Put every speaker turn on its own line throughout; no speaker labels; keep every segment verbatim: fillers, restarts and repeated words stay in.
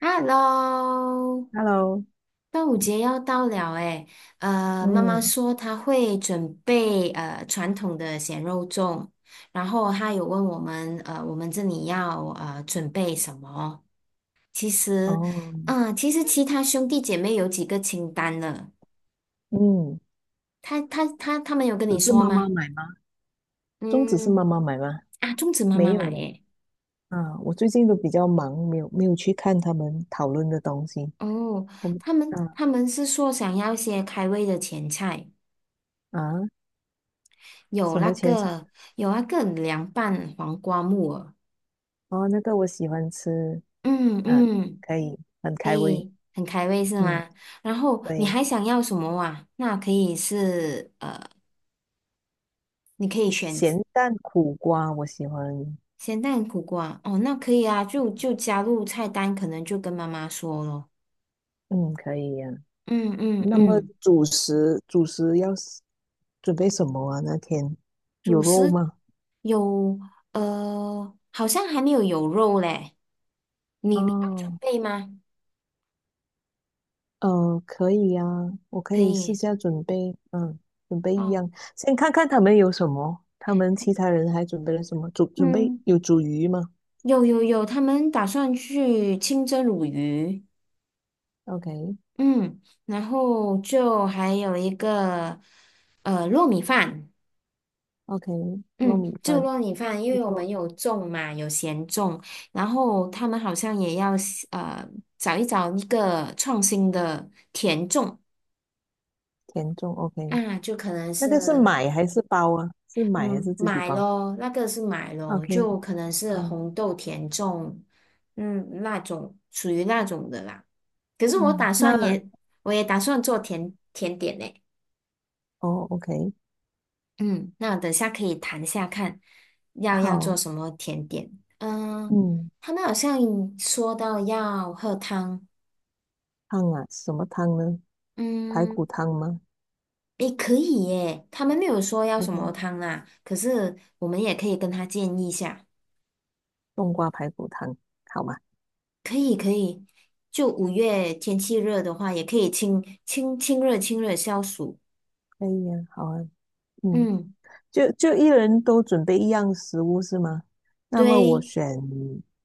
Hello，
Hello，
端午节要到了诶，呃，妈妈
嗯，
说她会准备呃传统的咸肉粽，然后她有问我们呃我们这里要呃准备什么？其实，
哦，
嗯、其实其他兄弟姐妹有几个清单了，
嗯，
他他他他们有跟你
只是
说
妈妈
吗？
买吗？粽子是
嗯，
妈妈买吗？
啊，粽子妈
没
妈
有
买
嘞，
耶，
啊，我最近都比较忙，没有没有去看他们讨论的东西。
哦，
我们
他们
啊
他们是说想要一些开胃的前菜。
啊，
有
什
那
么前菜？
个有那个凉拌黄瓜木耳，
哦，那个我喜欢吃，
嗯
啊，
嗯，
可以，很
可
开胃。
以很开胃是
嗯，
吗？然后你
对，
还想要什么哇？那可以是呃，你可以选
咸蛋苦瓜我喜欢。
咸蛋苦瓜哦，那可以啊，就就加入菜单，可能就跟妈妈说咯。
嗯，可以呀、
嗯嗯
那么
嗯，
主食主食要是准备什么啊？那天有
主
肉
食
吗？
有呃，好像还没有有肉嘞，你你要准
哦，
备吗？
呃，可以呀、我可
可
以私
以
下准备，嗯，准备一
哦，
样，先看看他们有什么，他们其他人还准备了什么？煮准备
嗯。
有煮鱼吗
有有有，他们打算去清蒸鲈鱼，
？OK
嗯，然后就还有一个呃糯米饭，
OK，糯米
嗯，就
饭
糯米饭，因
不
为我
错，
们有种嘛，有咸粽，然后他们好像也要呃找一找一个创新的甜粽
甜粽 OK，
啊，就可能
那个是
是
买还是包啊？是买还
嗯，
是自己
买
包
咯，那个是买咯，
？OK，
就可能是
好，
红豆甜粽，嗯，那种属于那种的啦。可是我
嗯，
打
那
算也，我也打算做甜甜点呢。
哦 OK，
嗯，那等下可以谈下看要要做
好，
什么甜点。嗯、
嗯，
他们好像说到要喝汤，
汤啊，什么汤呢？排骨
嗯，
汤吗
也可以耶。他们没有说要什么
？OK，
汤啦，可是我们也可以跟他建议一下。
冬瓜排骨汤，好吗？
可以可以，就五月天气热的话，也可以清清清热清热消暑。
可以呀、好啊，嗯。
嗯，
就就一人都准备一样食物是吗？那么我
对，
选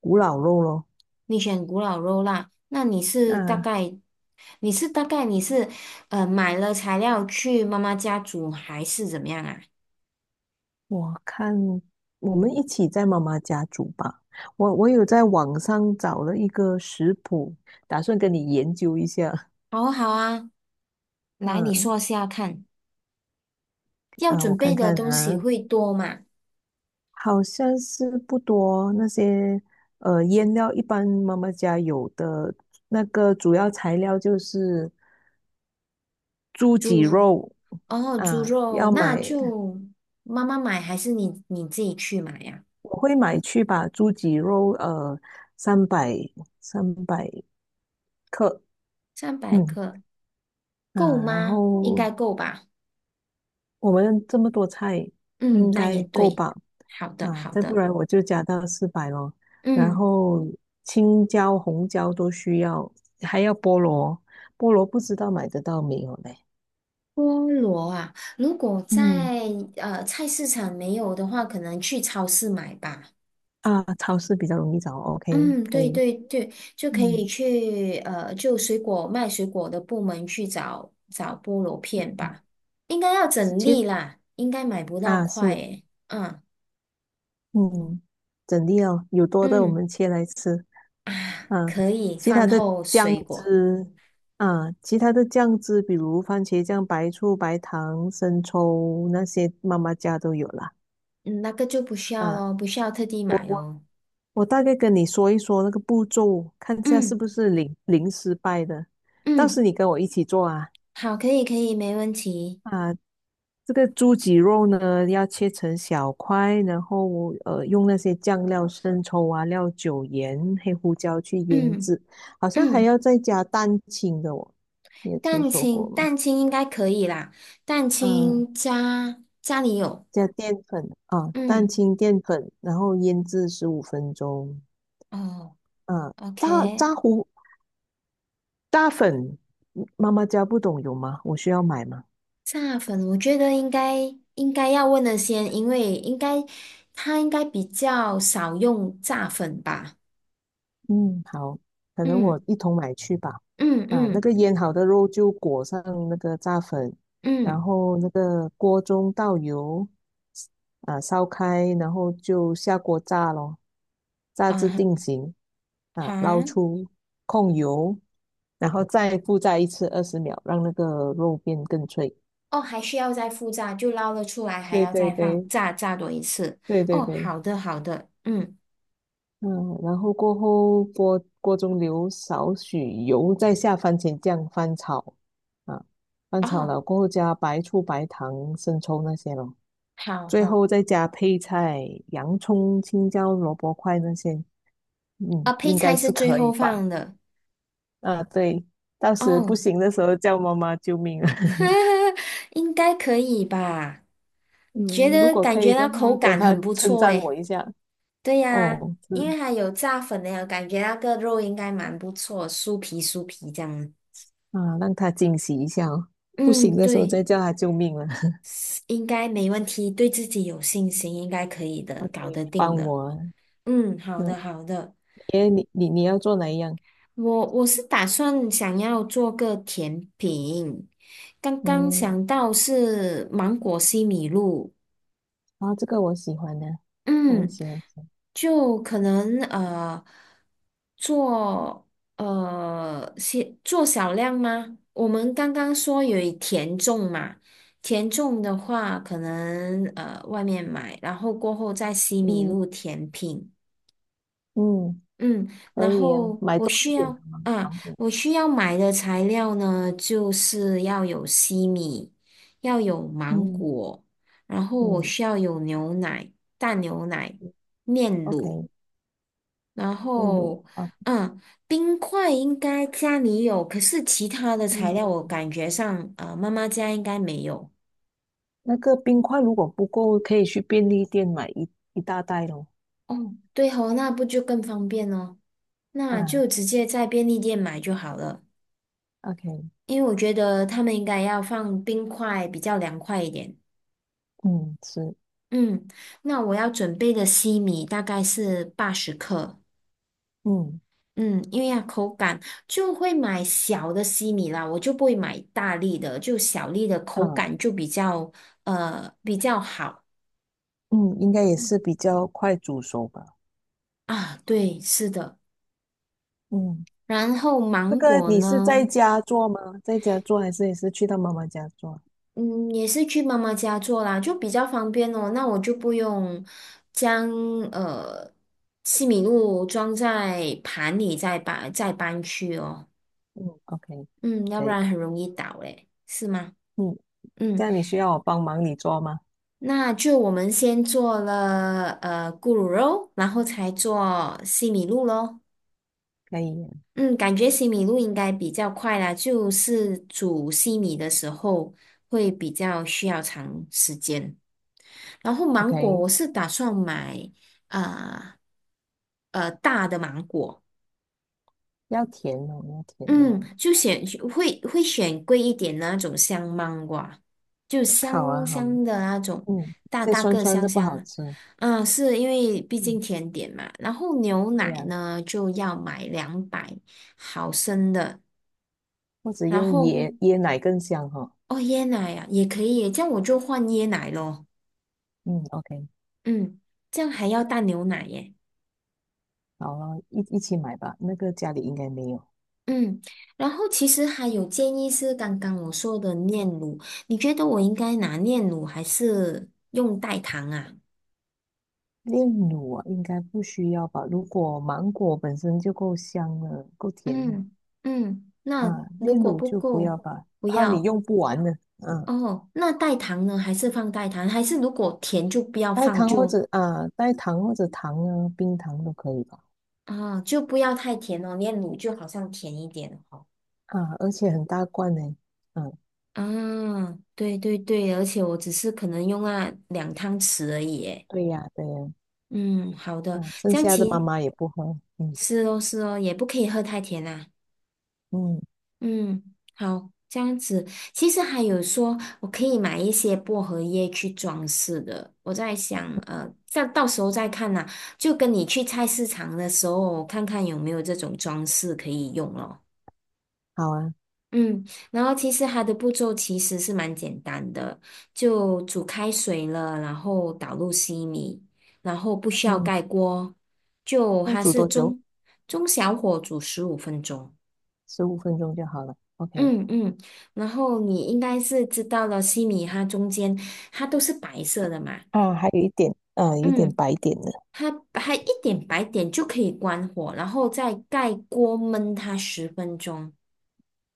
古老肉咯。
你选古老肉啦，那你是大
那
概你是大概你是呃买了材料去妈妈家煮还是怎么样啊？
我看我们一起在妈妈家煮吧。我我有在网上找了一个食谱，打算跟你研究一下。
好啊好啊，来你
嗯
说下看，要
啊，我
准
看
备的
看
东西
啊，
会多吗？
好像是不多那些呃腌料，一般妈妈家有的那个主要材料就是猪脊
猪肉
肉
哦，猪
啊，
肉
要
那
买
就妈妈买还是你你自己去买呀？
我会买去把猪脊肉呃三百三百克，
三百
嗯
克够
啊，然
吗？应
后
该够吧。
我们这么多菜
嗯，
应
那也
该够
对。
吧？
好的，
啊，
好
再不
的。
然我就加到四百咯。然
嗯，
后青椒、红椒都需要，还要菠萝，菠萝不知道买得到没有嘞？
菠萝啊，如果
嗯
在呃菜市场没有的话，可能去超市买吧。
啊，超市比较容易找，OK，
嗯，
可
对
以。
对对，就可以
嗯
去呃，就水果卖水果的部门去找找菠萝片
嗯，
吧。应该要
是
整
切
粒啦，应该买不到
啊，
块
是
诶。嗯
嗯，整粒哦，有多的我
嗯
们切来吃。
啊，
嗯，
可以
其他
饭
的
后
酱
水果，
汁啊，其他的酱汁，比如番茄酱、白醋、白糖、生抽那些，妈妈家都有啦。
嗯，那个就不需要
啊，
咯，不需要特地
我
买
我
哦。
我大概跟你说一说那个步骤，看一下是
嗯
不是零零失败的。到
嗯。
时你跟我一起做啊。
好，可以，可以，没问题。
啊，这个猪脊肉呢，要切成小块，然后呃，用那些酱料、生抽啊、料酒、盐、黑胡椒去腌
嗯
制，好像还
嗯，
要再加蛋清的哦，你有听
蛋
说过
清，
吗？
蛋清应该可以啦。蛋
嗯，
清家家里有，
加淀粉啊，蛋
嗯
清、淀粉，然后腌制十五分钟。
哦
嗯，炸
，OK。
炸糊炸粉，妈妈家不懂有吗？我需要买吗？
炸粉，我觉得应该应该要问的先，因为应该他应该比较少用炸粉吧。
嗯，好，可能我
嗯
一同买去吧。
嗯
啊，那
嗯
个腌好的肉就裹上那个炸粉，然
嗯
后那个锅中倒油，啊，烧开，然后就下锅炸咯，炸至定
啊
型，啊，捞
哈
出控油，然后再复炸一次二十秒，让那个肉变更脆。
哦，还需要再复炸，就捞了出来，还
对
要
对
再放
对
炸炸多一次。
对对
哦，
对。
好的好的，嗯
嗯，然后过后锅锅中留少许油，再下番茄酱翻炒，啊，翻炒
哦，
了过后加白醋、白糖、生抽那些咯，
好
最
好。
后再加配菜，洋葱、青椒、萝卜块那些，
啊，
嗯，
配
应
菜
该
是
是
最
可
后
以吧？
放的
啊，对，到时不
哦，
行的时候叫妈妈救命啊！
应该可以吧？你觉
嗯，如
得
果
感
可
觉
以
到
的
口
话，等
感
他
很不
称
错
赞
诶。
我一下，
对呀，
哦，
因
是
为它有炸粉的呀，我感觉那个肉应该蛮不错，酥皮酥皮这样。
啊，让他惊喜一下哦，不行
嗯，
的时候
对，
再叫他救命了。
应该没问题，对自己有信心，应该可以 的，
OK，
搞得定
帮
的。
我。
嗯，好的
嗯，
好的，
耶，你你你要做哪一样？
我我是打算想要做个甜品，刚刚
嗯，
想到是芒果西米露。
啊，这个我喜欢的，我也
嗯，
喜欢吃。
就可能呃做呃些做小量吗？我们刚刚说有一甜粽嘛，甜粽的话可能呃外面买，然后过后在西米
嗯
露甜品。
嗯，
嗯，
可
然
以啊，
后
买
我
多一
需
点的
要
芒
啊，
芒果。
我需要买的材料呢，就是要有西米，要有芒
嗯
果，然后我
嗯
需要有牛奶、淡牛奶、炼乳，
，OK，
然
炼乳
后
啊，
嗯，冰块应该家里有，可是其他的
应
材
该
料我
有。
感觉上，呃，妈妈家应该没有。
那个冰块如果不够，可以去便利店买一一大袋咯。
哦，对哦，那不就更方便哦？那
啊
就直接在便利店买就好了。
，OK，
因为我觉得他们应该要放冰块，比较凉快一点。
嗯，是，
嗯，那我要准备的西米大概是八十克。
嗯
嗯，因为要口感就会买小的西米啦，我就不会买大粒的，就小粒的口
啊，
感就比较呃比较好
嗯，应该也是比较快煮熟吧。
啊。对，是的。
嗯，
然后
这
芒
个
果
你是
呢？
在家做吗？在家做还是也是去到妈妈家做？
嗯，也是去妈妈家做啦，就比较方便哦。那我就不用将呃西米露装在盘里再搬再搬去哦。
嗯，OK，
嗯，要
可
不
以。
然很容易倒嘞，是吗？
嗯，这
嗯，
样你需要我帮忙你做吗？
那就我们先做了呃咕噜肉，然后才做西米露咯。
可以
嗯，感觉西米露应该比较快啦，就是煮西米的时候会比较需要长时间。然后
o
芒果
k
我是打算买啊呃大的芒果，
要甜哦，要甜的嘛。
嗯，就选会会选贵一点的那种香芒果啊，就
好
香
啊，好啊
香的那种，
嗯，
大
这
大
酸
个
酸
香
的不
香
好
的。
吃。
嗯，是因为毕
嗯，
竟甜点嘛。然后牛
对
奶
呀、
呢就要买两百毫升的，
或者
然
用
后
椰椰奶更香哈、
哦椰奶啊也可以耶，这样我就换椰奶咯。
嗯，OK，
嗯，这样还要淡牛奶耶。
好了，一一起买吧。那个家里应该没有
嗯，然后其实还有建议是刚刚我说的炼乳，你觉得我应该拿炼乳还是用代糖啊？
炼乳啊，应该不需要吧？如果芒果本身就够香了，够甜了
嗯嗯，那
啊，
如
炼
果
乳
不
就不
够，
要吧，
不
怕你
要
用不完呢。嗯，
哦。那代糖呢？还是放代糖？还是如果甜就不要
代
放
糖或
就
者啊，代糖或者糖啊，冰糖都可以吧。
啊、就不要太甜哦。炼乳就好像甜一点哦。
啊，而且很大罐呢。嗯，
啊，对对对，而且我只是可能用那两汤匙而已耶。
对呀，对呀，
嗯，好的，
嗯，剩
这样
下的妈
其
妈也不喝。嗯
是哦，是哦，也不可以喝太甜啦。
嗯，
嗯，好，这样子。其实还有说，我可以买一些薄荷叶去装饰的。我在想，呃，再到时候再看呐。就跟你去菜市场的时候，看看有没有这种装饰可以用咯。
好啊，
嗯，然后其实它的步骤其实是蛮简单的，就煮开水了，然后倒入西米，然后不需要
嗯，
盖锅，就
要
它
煮
是
多久？
中中小火煮十五分钟。
十五分钟就好了。OK。
嗯嗯，然后你应该是知道了，西米它中间它都是白色的嘛，
啊，还有一点，啊，有一点
嗯，
白点的。
它它一点白点就可以关火，然后再盖锅焖它十分钟，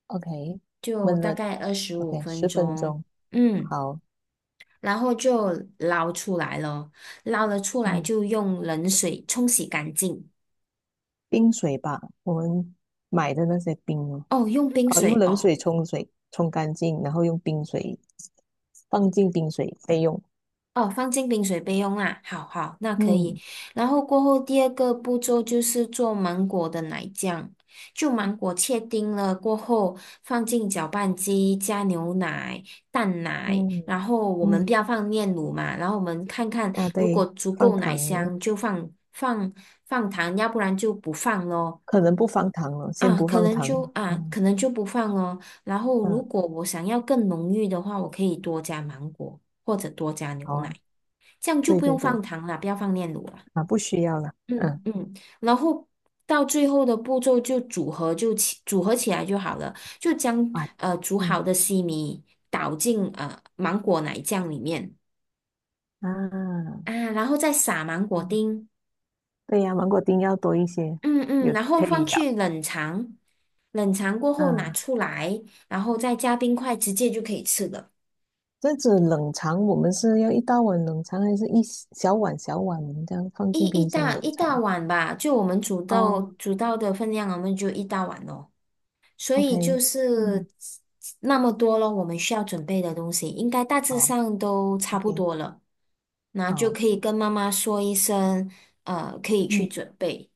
OK，
就
闷
大
了。
概二十五
OK，
分
十分
钟，
钟。
嗯，
好，
然后就捞出来了，捞了出来
嗯，
就用冷水冲洗干净，
冰水吧，我们买的那些冰哦，
哦，用冰
哦，用
水
冷
哦。
水冲水，冲干净，然后用冰水放进冰水备用。
哦，放进冰水备用啦。好好，那可以。
嗯
然后过后第二个步骤就是做芒果的奶酱，就芒果切丁了过后，放进搅拌机加牛奶、淡奶，然
嗯
后我们不
嗯，
要放炼乳嘛，然后我们看看
啊，
如果
对，
足
放
够奶
糖
香就放放放糖，要不然就不放咯。
可能不放糖了，先
啊，
不
可
放
能
糖。
就啊，
嗯
可能就不放咯。然后如
嗯，
果我想要更浓郁的话，我可以多加芒果或者多加
好
牛奶。
啊，
这样就
对
不
对
用
对，
放糖了，不要放炼乳了。
啊，不需要了。
嗯
嗯，
嗯，然后到最后的步骤就组合就起组合起来就好了，就将
啊，
呃煮好
嗯
的西米倒进呃芒果奶酱里面
啊，
啊，然后再撒芒果
嗯，
丁，
对呀、芒果丁要多一些，
嗯嗯，
有
然后
可
放
以咬。
去冷藏，冷藏过后拿
啊，
出来，然后再加冰块，直接就可以吃了。
这样子冷藏，我们是要一大碗冷藏，还是一小碗小碗这样放
一
进
一
冰箱
大
冷
一
藏？
大碗吧，就我们煮到
哦
煮到的分量，我们就一大碗咯，所以
，OK，
就
嗯，
是那么多了，我们需要准备的东西应该大致
好
上都差不
，OK，
多了，那就
好，
可以跟妈妈说一声，呃，可以去
嗯，
准备。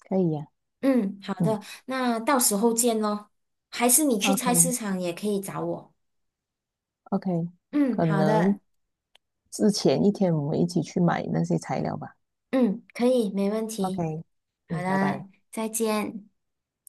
可以呀、
嗯，好
嗯
的，那到时候见咯。还是你去菜市
，OK，OK，
场也可以找我。嗯，
可
好的，
能之前一天我们一起去买那些材料吧。
嗯，可以，没问题。
OK，
好
嗯，拜拜。
的，再见。